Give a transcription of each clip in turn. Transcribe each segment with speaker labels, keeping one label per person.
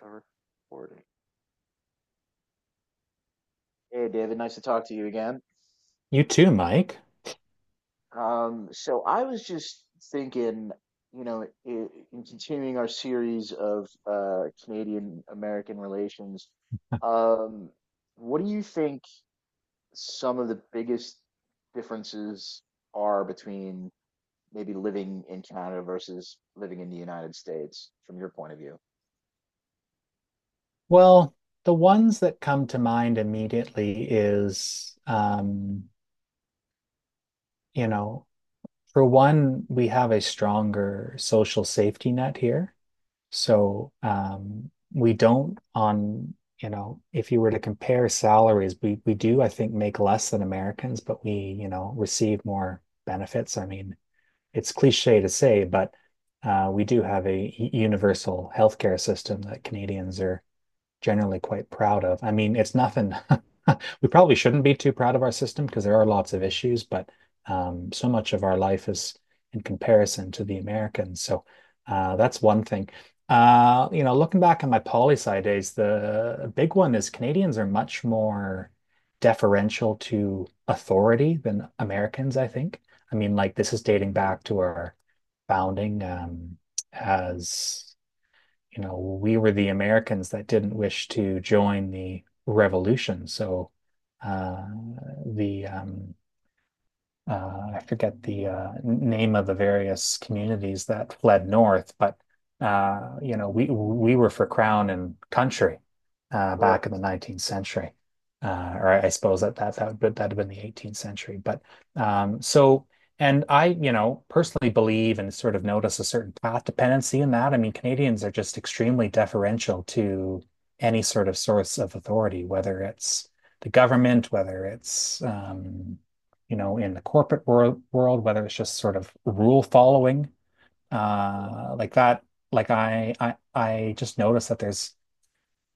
Speaker 1: We're recording. Hey, David, nice to talk to you again.
Speaker 2: You too, Mike.
Speaker 1: So I was just thinking, you know, in continuing our series of Canadian American relations, um, what do you think some of the biggest differences are between maybe living in Canada versus living in the United States from your point of view?
Speaker 2: Well, the ones that come to mind immediately is, you know, for one, we have a stronger social safety net here. So, we don't on, if you were to compare salaries, we do, I think, make less than Americans, but we, receive more benefits. I mean, it's cliche to say, but we do have a universal healthcare system that Canadians are generally quite proud of. I mean, it's nothing. We probably shouldn't be too proud of our system because there are lots of issues, but so much of our life is in comparison to the Americans. So that's one thing. Looking back on my poli sci days, the big one is Canadians are much more deferential to authority than Americans, I think. I mean, like this is dating back to our founding, as you know, we were the Americans that didn't wish to join the revolution. So, uh, the I forget the name of the various communities that fled north, but we were for crown and country back
Speaker 1: Sure.
Speaker 2: in the 19th century, or I suppose that'd have been the 18th century. But so, and I, personally believe and sort of notice a certain path dependency in that. I mean, Canadians are just extremely deferential to any sort of source of authority, whether it's the government, whether it's, in the corporate world, whether it's just sort of rule following. uh, like that, like I just noticed that there's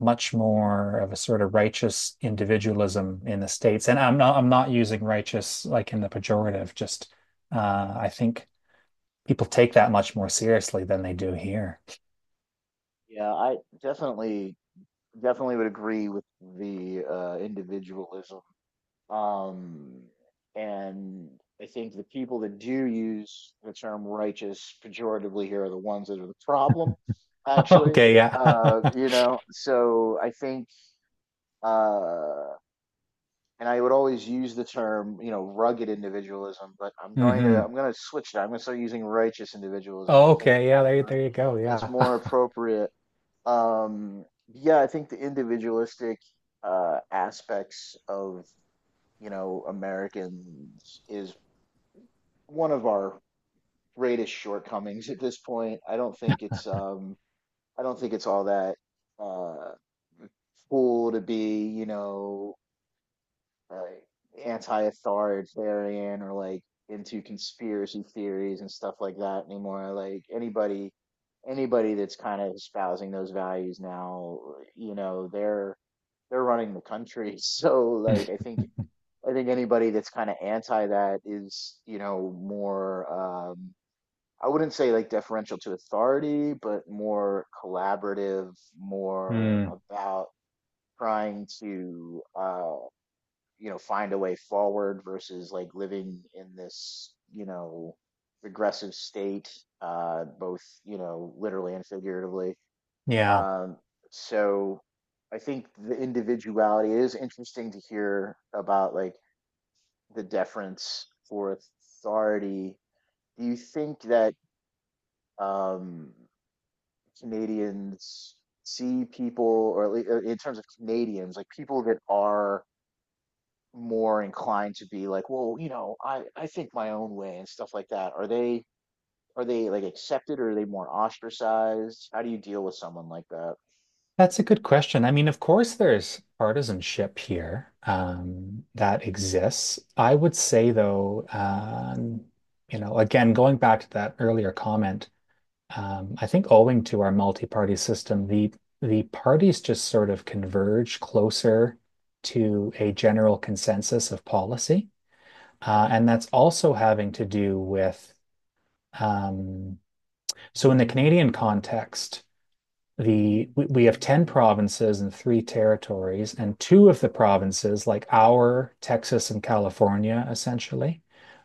Speaker 2: much more of a sort of righteous individualism in the States. And I'm not using righteous like in the pejorative, just, I think people take that much more seriously than they do here.
Speaker 1: Yeah, I definitely definitely would agree with the individualism. Um, and I think the people that do use the term righteous pejoratively here are the ones that are the problem, actually.
Speaker 2: Okay, yeah.
Speaker 1: You know, so I think, uh, and I would always use the term, you know, rugged individualism, but I'm going to
Speaker 2: Hmm.
Speaker 1: I'm going to switch that. I'm going to start using righteous individualism because I think
Speaker 2: Okay, yeah, there,
Speaker 1: more,
Speaker 2: there you go.
Speaker 1: that's
Speaker 2: Yeah.
Speaker 1: more appropriate. Um, yeah, I think the individualistic aspects of, you know, Americans is one of our greatest shortcomings at this point. I don't think it's all that uh cool to be, you know, like anti-authoritarian or like into conspiracy theories and stuff like that anymore. Like anybody that's kind of espousing those values now, you know, they're running the country. So like I think anybody that's kind of anti that is, you know, more, um, I wouldn't say like deferential to authority, but more collaborative, more
Speaker 2: Mm,
Speaker 1: about trying to, you know, find a way forward versus like living in this, you know, regressive state, both, you know, literally and figuratively.
Speaker 2: yeah.
Speaker 1: Um, so I think the individuality, it is interesting to hear about like the deference for authority. Do you think that um, Canadians see people, or at least in terms of Canadians, like people that are more inclined to be like, well, you know, I think my own way and stuff like that. Are they, are they like accepted or are they more ostracized? How do you deal with someone like that?
Speaker 2: That's a good question. I mean, of course, there's partisanship here, that exists. I would say, though, again, going back to that earlier comment, I think owing to our multi-party system, the parties just sort of converge closer to a general consensus of policy,
Speaker 1: Hmm.
Speaker 2: and that's also having to do with. Um, so in the Canadian context, we have 10 provinces and three territories, and two of the provinces, like our Texas and California, essentially,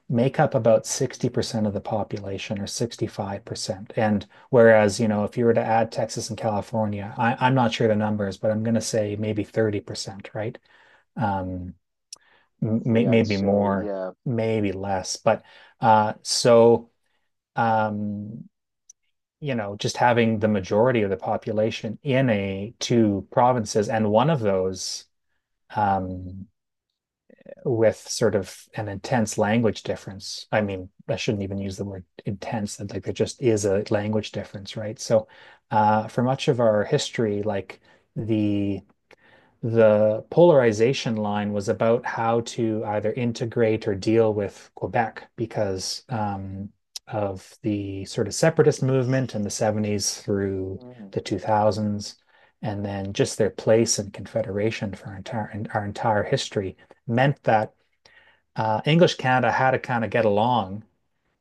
Speaker 2: make up about 60% of the population or 65%. And whereas, if you were to add Texas and California, I'm not sure the numbers, but I'm going to say maybe 30%, right? Um, may,
Speaker 1: Hopefully, I'd
Speaker 2: maybe
Speaker 1: say,
Speaker 2: more,
Speaker 1: yeah.
Speaker 2: maybe less. But so um, just having the majority of the population in a two provinces, and one of those, um, with sort of an intense language difference. I mean, I shouldn't even use the word intense, that like there just is a language difference, right? So for much of our history, like the the polarization line was about how to either integrate or deal with Quebec, because of the sort of separatist movement in the 70s through
Speaker 1: Mhm.
Speaker 2: the 2000s, and then just their place in Confederation for our entire history meant that English Canada had to kind of get along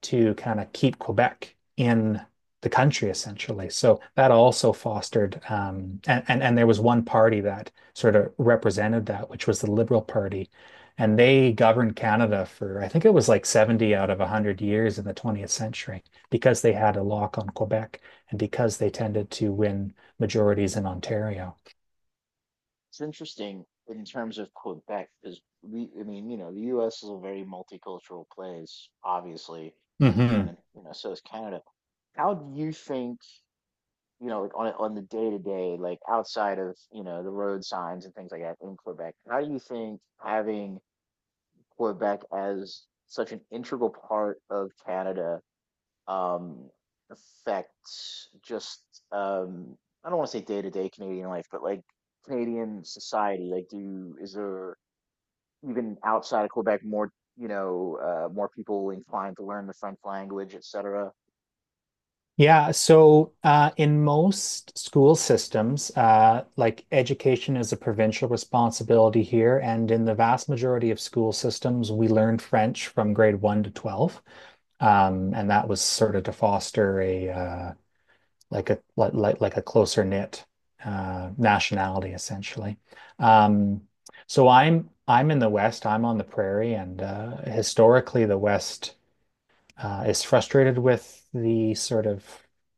Speaker 2: to kind of keep Quebec in the country essentially. So that also fostered, and there was one party that sort of represented that, which was the Liberal Party, and they governed Canada for, I think, it was like 70 out of 100 years in the 20th century because they had a lock on Quebec and because they tended to win majorities in Ontario.
Speaker 1: It's interesting in terms of Quebec because we, I mean, you know, the U.S. is a very multicultural place, obviously, and
Speaker 2: Mhm.
Speaker 1: then, you know, so is Canada. How do you think, you know, like on a- on the day to day, like outside of, you know, the road signs and things like that in Quebec, how do you think having Quebec as such an integral part of Canada um, affect just um, I don't want to say day to day Canadian life, but like Canadian society? Like, do is there even outside of Quebec more, you know, more people inclined to learn the French language, etc.?
Speaker 2: Yeah, so in most school systems, like education is a provincial responsibility here, and in the vast majority of school systems, we learn French from grade one to 12. And that was sort of to foster a like a like, like a closer knit nationality essentially. Um, so I'm in the West, I'm on the prairie, and historically the West is frustrated with the sort of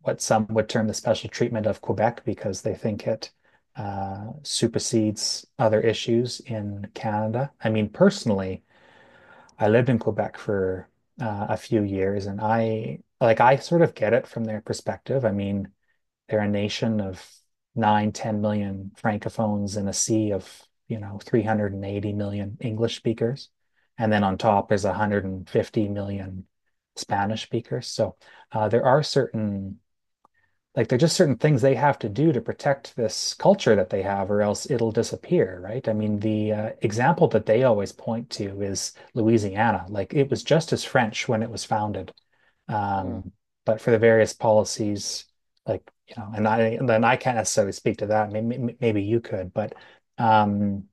Speaker 2: what some would term the special treatment of Quebec because they think it supersedes other issues in Canada. I mean, personally, I lived in Quebec for a few years, and I sort of get it from their perspective. I mean, they're a nation of 9 10 million francophones in a sea of, 380 million English speakers. And then on top is 150 million Spanish speakers. So there are certain, like, there're just certain things they have to do to protect this culture that they have, or else it'll disappear, right? I mean, the example that they always point to is Louisiana. Like it was just as French when it was founded,
Speaker 1: Mm-hmm.
Speaker 2: um, but for the various policies, like, and then I can't necessarily speak to that. Maybe you could, but um,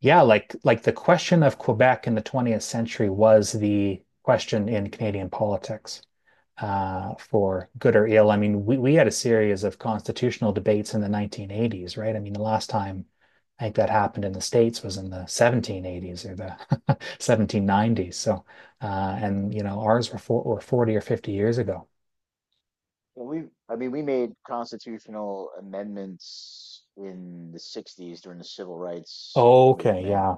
Speaker 2: yeah, like the question of Quebec in the 20th century was the question in Canadian politics, for good or ill. I mean, we had a series of constitutional debates in the 1980s, right? I mean, the last time I think that happened in the States was in the 1780s or the 1790s. So, and ours were 40 or 50 years ago.
Speaker 1: Well, we, I mean, we made constitutional amendments in the '60s during the civil rights
Speaker 2: Okay,
Speaker 1: movement,
Speaker 2: yeah.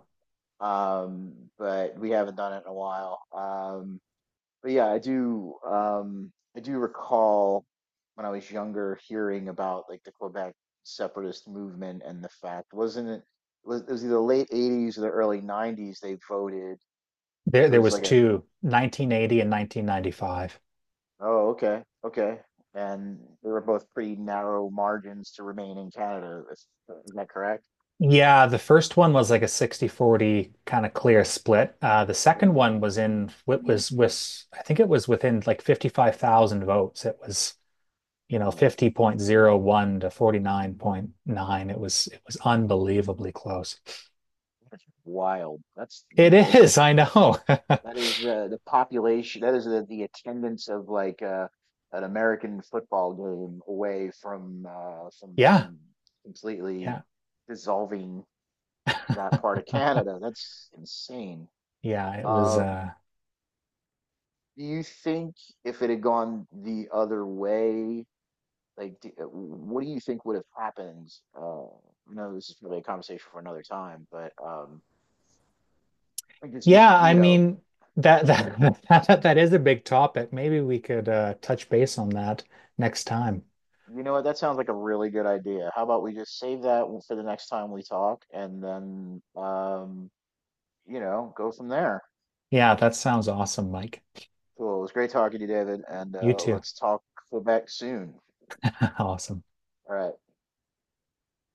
Speaker 1: um, but we haven't done it in a while. But yeah, I do, I do recall when I was younger hearing about like the Quebec separatist movement, and the fact wasn't it was either the late 80s or the early 90s they voted,
Speaker 2: There,
Speaker 1: there
Speaker 2: there
Speaker 1: was
Speaker 2: was
Speaker 1: like a,
Speaker 2: two, 1980 and 1995.
Speaker 1: oh okay, okay, and they were both pretty narrow margins to remain in Canada, is that correct?
Speaker 2: Yeah, the first one was like a 60-40 kind of clear split. The second
Speaker 1: Okay.
Speaker 2: one was, I think it was within like 55,000 votes. It was,
Speaker 1: Oh,
Speaker 2: 50.01 to 49.9. It was unbelievably close.
Speaker 1: wild, that's
Speaker 2: It
Speaker 1: like.
Speaker 2: is, I know.
Speaker 1: That is the population. That is the attendance of like an American football game away from
Speaker 2: Yeah,
Speaker 1: from completely
Speaker 2: yeah.
Speaker 1: dissolving that part of
Speaker 2: Huh.
Speaker 1: Canada. That's insane.
Speaker 2: Yeah, it was,
Speaker 1: Uh, do you think if it had gone the other way, like, what do you think would have happened? I know this is probably a conversation for another time, but I think it's
Speaker 2: yeah,
Speaker 1: just you
Speaker 2: I
Speaker 1: know.
Speaker 2: mean that, that is a big topic. Maybe we could touch base on that next time.
Speaker 1: You know what? That sounds like a really good idea. How about we just save that one for the next time we talk, and then you know, go from there.
Speaker 2: Yeah, that sounds awesome, Mike.
Speaker 1: Cool. It was great talking to you, David, and
Speaker 2: You too.
Speaker 1: let's talk back soon.
Speaker 2: Awesome.
Speaker 1: All right.